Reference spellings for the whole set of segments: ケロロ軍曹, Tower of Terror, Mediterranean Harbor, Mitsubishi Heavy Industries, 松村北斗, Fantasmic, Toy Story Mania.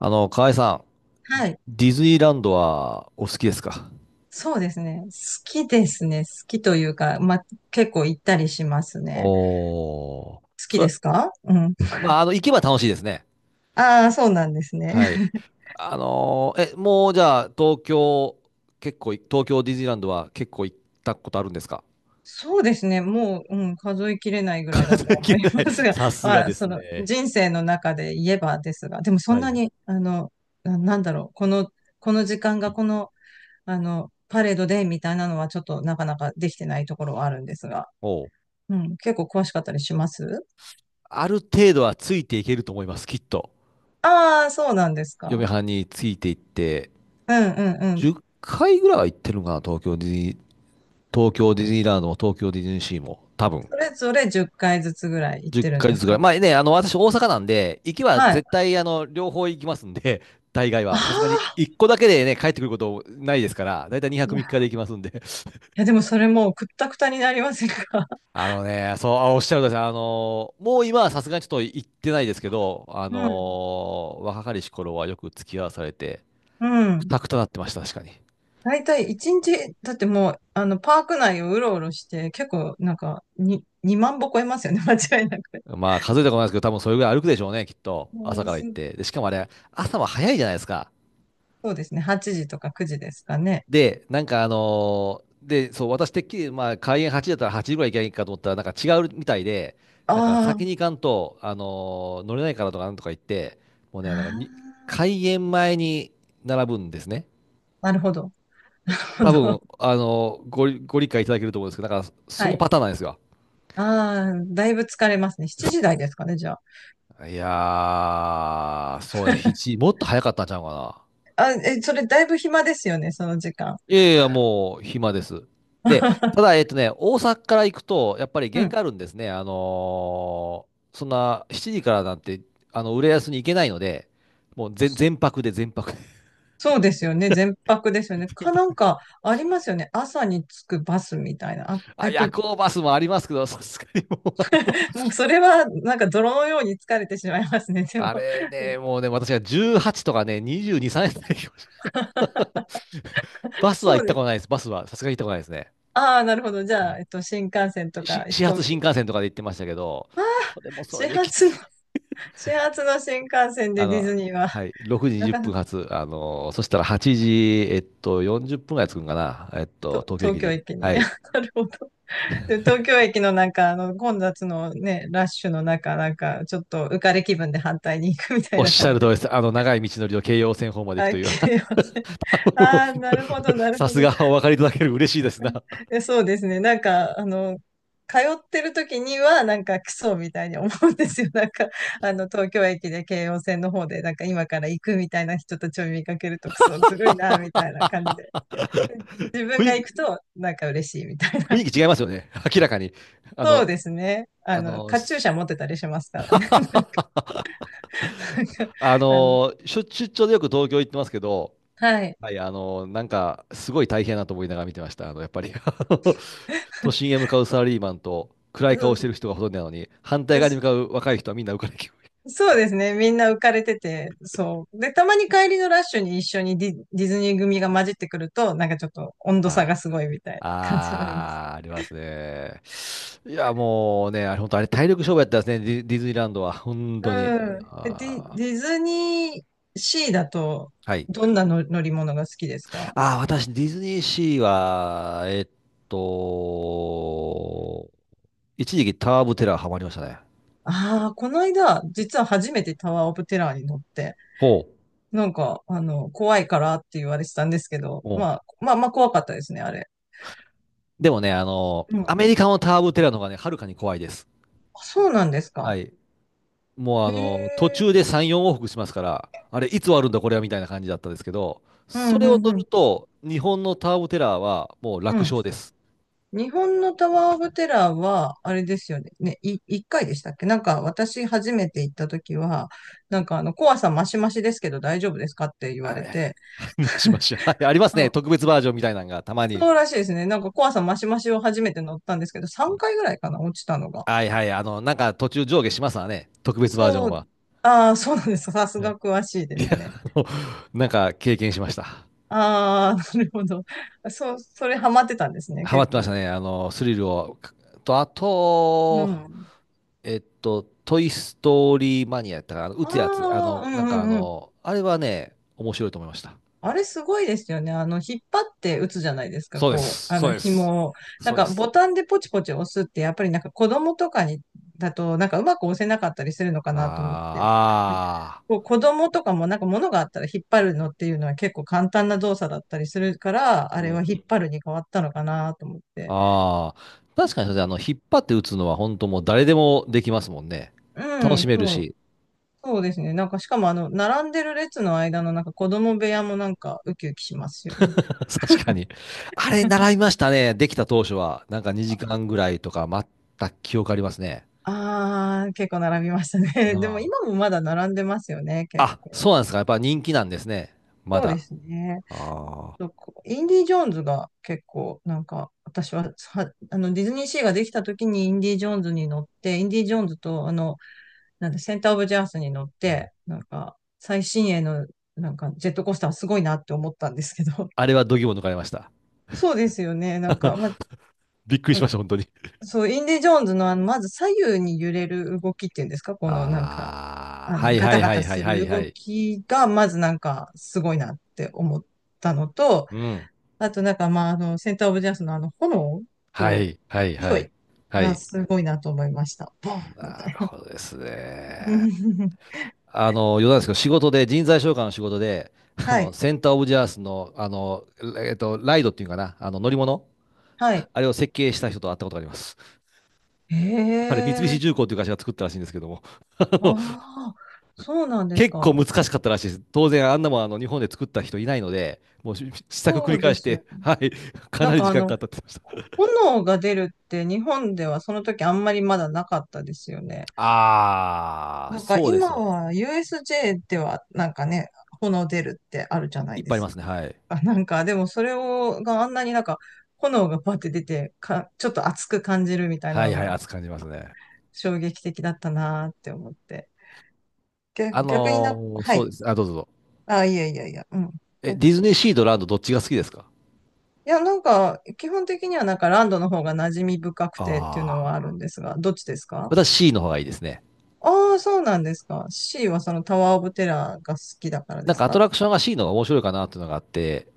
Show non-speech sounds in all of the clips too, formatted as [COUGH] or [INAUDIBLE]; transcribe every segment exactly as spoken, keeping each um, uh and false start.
あの、河合さん、はい。ディズニーランドはお好きですか？そうですね。好きですね。好きというか、まあ、結構行ったりしますね。おー。好きそでれ、すか？うん。まあ、あの、行けば楽しいですね。ああ、そうなんですね。はい。[LAUGHS] あのーえ、もうじゃあ、東京、結構い、東京ディズニーランドは結構行ったことあるんですか？そうですね。もう、うん、数えきれないぐらいだ数とえは思切いれない。ます [LAUGHS] が、さ [LAUGHS] すがまあ、ですそのね。人生の中で言えばですが、でもそはんいなはい。に、あの、な、なんだろう、この、この時間がこの、あの、パレードでみたいなのはちょっとなかなかできてないところはあるんですが、おう。うん、結構詳しかったりします。ある程度はついていけると思います、きっと。ああー、そうなんですか。嫁はんについていって、うんうんうん。じゅっかいぐらいは行ってるのかな、東京ディズニー、東京ディズニーランドも東京ディズニーシーも、多分。それぞれじゅっかいずつぐらい行ってるんじゅうでずすつぐらか？い。まあね、あの、私大阪なんで、行きははい。絶対、あの、両方行きますんで、[LAUGHS] 大概あは。あ、さすがに、いっこだけでね、帰ってくることないですから、だいたい2い泊や、3い日で行きますんで。[LAUGHS] やでもそれもうくったくたになりませんか？ [LAUGHS] あのね、そう、あおっしゃるとおりです。あの、もう今はさすがにちょっと行ってないですけど、あうん。の、若かりし頃はよく付き合わされて、うくん。たくたなってました、確かに。だいたいいちにち、だってもう、あの、パーク内をうろうろして、結構なんか、に、にまん歩超えますよね、[LAUGHS] 間違いなく。まあ、数えたことないですけど、多分それぐらい歩くでしょうね、きっと。も朝うからす行って。で、しかもあれ、朝は早いじゃないですか。そうですね、はちじとかくじですかね。で、なんかあのーで、そう、私てっきり、まあ、開演はちじだったらはちじぐらい行けばいいかと思ったら、なんか違うみたいで、あなんか先ーに行かんと、あのー乗れないからとかなんとか言って、もうね、なんかにあ開演前に並ぶんですね。ー、なるほど。な多るほど。分、あのーご理、ご理解いただけると思うんですけど、なんかそはのい。パターンなんですよ。ああ、だいぶ疲れますね。しちじ台ですかね、じゃあ。いやー、そう、ひち [LAUGHS] もっと早かったんちゃうかな。あ、え、それだいぶ暇ですよね、その時間。いやいや、もう暇です。で、ただ、え [LAUGHS] っとね、大阪から行くと、やっぱりう限ん。界あるんですね。あのーそんなしちじからなんて、あの、浦安に行けないので、もう全、全泊で、全泊で、そうですよね。全泊ですよね。[LAUGHS] 全か、な泊んで。か、ありますよね。朝に着くバスみたいな。あ、えあ、っ夜と、行バスもありますけど、さすがにもう、もうそれは、なんか泥のように疲れてしまいますね。[LAUGHS] であも、れね、もうね、私はじゅうはちとかね、にじゅうに、さんえん台でもしれけど [LAUGHS] バスはそ行っうでたことないす。です。バスは、さすがに行ったことないですね。ああ、なるほど。じはゃあ、いえっと、新幹線とかし飛始発行機新幹で。線とかで行ってましたけど、それもそれ始でき発つの、い。[LAUGHS] 始発の新幹線あでディズの、ニーは、はい、ろくじな20かな分か。発、あの、そしたらはちじ、えっと、よんじゅっぷんぐらい着くんかな、えっと、と東京東駅京に。駅に。はい。[LAUGHS] なるほど。で、東京駅のなんか、あの、混雑のね、ラッシュの中、なんか、ちょっと浮かれ気分で反対に行くみたおいっなし感ゃじる通で。りです。あの、長い道のりを京葉線方まで行くはとい、いう。切れません。[LAUGHS] もああ、なるほど、なうるさほすど。がお分かりいただける嬉しいですな。[LAUGHS] え、そうですね。なんか、あの、通ってる時には、なんかクソみたいに思うんですよ。なんか、あの、東京駅で京王線の方で、なんか今から行くみたいな人たちを見かけると、クソずるいな、みたいな感じで。自分雰が囲行気、くと、なんか嬉しいみたい雰な。囲気違い [LAUGHS] ますよね。明らかに。あその、うですね。ああの、の、カチューシャし持ってたりしますからね。[LAUGHS] なんかああの、の、しょ出張でよく東京行ってますけど、はい。はい、あの、なんか、すごい大変だなと思いながら見てました。あの、やっぱりあの [LAUGHS] 都心へ向かうサラリーマンと、暗そい顔うしてそる人がほとんどなのに、反対側に向う。かう若い人はみんな浮かれ気分。[LAUGHS] そうですね。みんな浮かれてて、そう。で、たまに帰りのラッシュに一緒にディ、ディズニー組が混じってくると、なんかちょっと温度差あがすごいみたいなあ、感じはありますけああ、ありますね。いや、もうね、あれ、本当あれ、体力勝負やったんですね、ディ、ディズニーランドは。本ど。当に。うん。ど。で、ディ、あディズニーシーだと、あ、はい。どんなの乗り物が好きですか？ああ、私、ディズニーシーは、えっと、一時期タワーオブテラーハマりましたね。ああー、この間、実は初めてタワーオブテラーに乗って、ほなんか、あの、怖いからって言われてたんですけど、う。まあ、まあまあ怖かったですね、あれ。でもね、あの、うん。あ、アメリカのターボテラの方がね、はるかに怖いです。そうなんですはか。い。もうへあの、途え。中でさん、よん往復しますから、あれ、いつ終わるんだ、これは、みたいな感じだったんですけど、うそん、れうをん、乗うるん。と、日本のターボテラーはもうう楽ん、勝です。日本のタワー・オブ・テラーは、あれですよね。ね、い、一回でしたっけ？なんか、私初めて行った時は、なんかあの、怖さマシマシですけど大丈夫ですかって言はわれい。て、[LAUGHS] はいしましょう。はい、ありますね。あ、特別バージョンみたいなのが、たまに。そうらしいですね。なんか怖さマシマシを初めて乗ったんですけど、さんかいぐらいかな、落ちたのが。はいはい。あの、なんか途中上下しますわね。特別バージョンそう、は。ああ、そうなんです。さすはがい。詳しいでいすや、ね。あの、なんか経験しました。ああ、なるほど。そう、それハマってたんですね、ハマっ結てました構。ね。あの、スリルを。と、あうと、ん。えっと、トイ・ストーリー・マニアやったから、あの打あつやつ、ああ、の、うなんかあんうん、の、あれはね、面白いと思いました。あれすごいですよね。あの、引っ張って打つじゃないですか、そうでこう、す、あそうの、です、紐を。なんそうでか、す。ボタンでポチポチ押すって、やっぱりなんか子供とかに、だと、なんかうまく押せなかったりするのかなと思って。なんかあこう子供とかもなんか物があったら引っ張るのっていうのは結構簡単な動作だったりするから、あーあれーうはん。引っ張るに変わったのかなと思っあ、て。ああ、あ、確かにそれ、あの、引っ張って打つのは本当もう誰でもできますもんね。う楽しん、めるそう、し、そうですね。なんか、しかもあの、並んでる列の間のなんか子供部屋もなんかウキウキしますよ [LAUGHS] ね。確かに。あれ、習いましたね、できた当初は。なんかにじかんぐらいとか待った記憶ありますね。ああ、結構並びましたね。う [LAUGHS] でもん今もまだ並んでますよね、結あ、構。そうなんですか。やっぱ人気なんですね。まそうでだ。すね。あそうこうインディ・ージョーンズが結構、なんか、私は、は、あの、ディズニーシーができた時にインディ・ージョーンズに乗って、インディ・ージョーンズと、あの、なんだ、センター・オブ・ジャースに乗って、あ。なんか、最新鋭の、なんか、ジェットコースターすごいなって思ったんですけど。[LAUGHS] あれは度肝抜かれました。そうですよね。なんか、まあ、びっくりしました、本当に。そう、インディ・ージョーンズの、あの、まず左右に揺れる動きっていうんですか？この、なんか、ああ、あはの、いガはタいガはタいはいすはいるは動い。きが、まずなんか、すごいなって思ったのと、うん。あとなんか、まあ、あの、センターオブジャスのあの、炎はとい勢はいはいい。はがい。すごいなと思いました。ボンみなたいるな。ほどですね。[LAUGHS] あの、余談ですけど、仕事で、人材紹介の仕事で、[LAUGHS] あはの、い、センターオブジャースの、あの、えっと、ライドっていうかな、あの、乗り物、はい。あれを設計した人と会ったことがあります。へあれ、三菱え、重工っていう会社が作ったらしいんですけども、[LAUGHS] あの、ああ、そうなんです結構か。難しかったらしいです。当然、あんなもんあの日本で作った人いないので、もうし試作繰そりう返でしすよて、ね。[LAUGHS] はい、かななんりか時あ間の、かかったって言ってまし炎が出るって日本ではその時あんまりまだなかったですよね。た。ああ、なんかそうです今よね。は ユーエスジェー ではなんかね、炎出るってあるじゃないいっでぱいありすますか。ね。はい。あ、なんかでもそれを、があんなになんか炎がバって出てか、ちょっと熱く感じるみたいなはいのはい、が熱く感じますね。衝撃的だったなーって思って。あ逆、逆にな、のーはそうい。です。あ、どうぞどうぞ。あ、いやいやいや、うん。え、お、いディズニーシーとランドどっちが好きですか？や、なんか基本的にはなんかランドの方が馴染み深くあてっていうのあはー。あるんですが、どっちですか？私 C の方がいいですね。ああー、そうなんですか。C はそのタワーオブテラーが好きだからなでんすかアトか？ラクションが C の方が面白いかなっていうのがあって、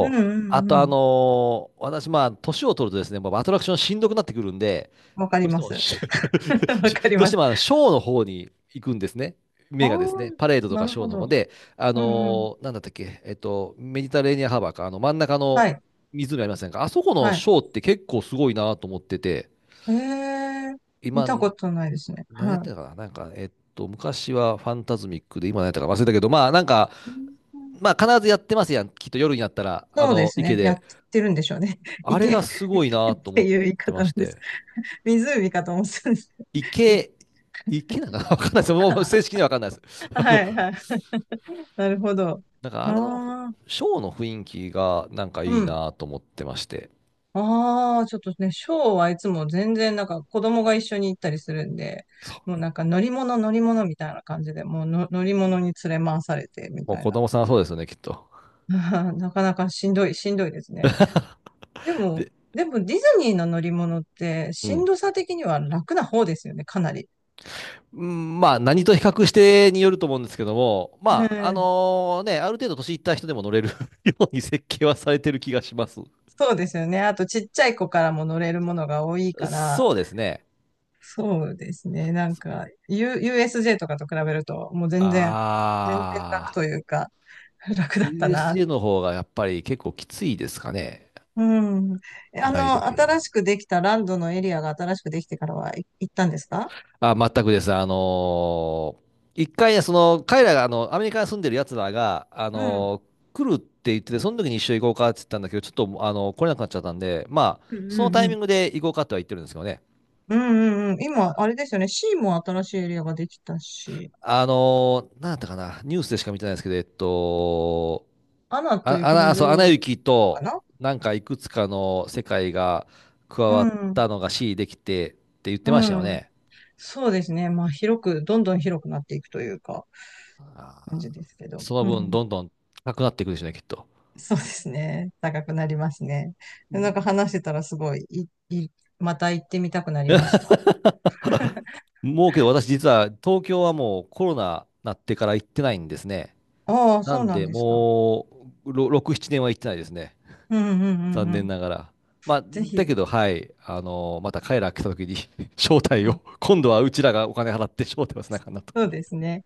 うんうあんとうあん。のー私まあ、年を取るとですね、もうアトラクションしんどくなってくるんで、わかどりうしてまもす。し、[LAUGHS] わか [LAUGHS] りどうしまてす。もあのショーの方に行くんですね。あ目あ、がですね、パレードとなかるショーほの方ど。で、あうんうん。のーなんだったっけ、えっと、メディタレーニアンハーバーか、あの真ん中のはい。湖ありませんか？あそこのはシい。ョーって結構すごいなと思ってて、へえ、見たこ今、とないですね。何やっはてんのかな、なんか、えっと、昔はファンタズミックで、今何やったか忘れたけど、まあなんか、い。うん、まあ必ずやってますやん、きっと夜になったら、あそうでのす池ね。やで。ってるんでしょうね。[LAUGHS] あれ池、がすごい池なっと思てっいう言いてま方なしんです。て、湖かと思ってたんです。い 池、池なんかな [LAUGHS] わかんないです。もう正式にはわかんないです。[LAUGHS] [LAUGHS] あの、はいはい。なるほど。なんかああれのあ、ショーの雰囲気がなんかいいうん。なと思ってまして。ああ、ちょっとね、ショーはいつも全然なんか子供が一緒に行ったりするんで、そう。もうなんか乗り物乗り物みたいな感じで、もうの乗り物に連れ回されてみもうたい子な。供さんはそうですよね、きっと。[LAUGHS] なかなかしんどい、しんどいですね。でも、でもディズニーの乗り物ってうしんん。どさ的には楽な方ですよね、かなり。うんまあ何と比較してによると思うんですけども、うまああん、のね、ある程度年いった人でも乗れる [LAUGHS] ように設計はされてる気がします。そうですよね。あとちっちゃい子からも乗れるものが多いから、そうですね。そうですね。なんか、U、ユーエスジェー とかと比べると、もう全然、全然楽あとあ。いうか、[LAUGHS] 楽だったな。ユーエスジェー の方がやっぱり結構きついですかね、うん。え、あライドの、系は。新しくできたランドのエリアが新しくできてからはい行ったんですか？あ、全くです。あのーいっかいね、その、彼らが、あの、アメリカに住んでる奴らが、あうん。のー来るって言ってて、その時に一緒に行こうかって言ったんだけど、ちょっと、あのー来れなくなっちゃったんで、まあ、うんそのうんタうイミん。ングで行こうかとは言ってるんですけどね。うんうんうん。今、あれですよね。シーも新しいエリアができたし、あのー、なんだったかな、ニュースでしか見てないですけど、えっと、アナとあ、あ雪のな、そう、ア女ナ王雪かと、な。なんかいくつかの世界が加うわっん。たのが C できてって言ってましたうよん。ね。そうですね。まあ、広く、どんどん広くなっていくというか、感じですけど。そのう分、ん。どんどん高くなっていくでしょうね、きっと。そうですね。高くなりますね。なんか話してたらすごい、い、い、また行ってみたくなりました。もうけど、私、実は東京はもうコロナなってから行ってないんですね。ああ、なそうんなんで、ですか。もうろろく、ななねんは行ってないですね。うんうんう残んう念ん。ながら。まあ、ぜだひ、けど、はい、あのまた彼ら来た時に [LAUGHS] 招待うを、ん、今度はうちらがお金払って招待をせなあかんなと。そうですね。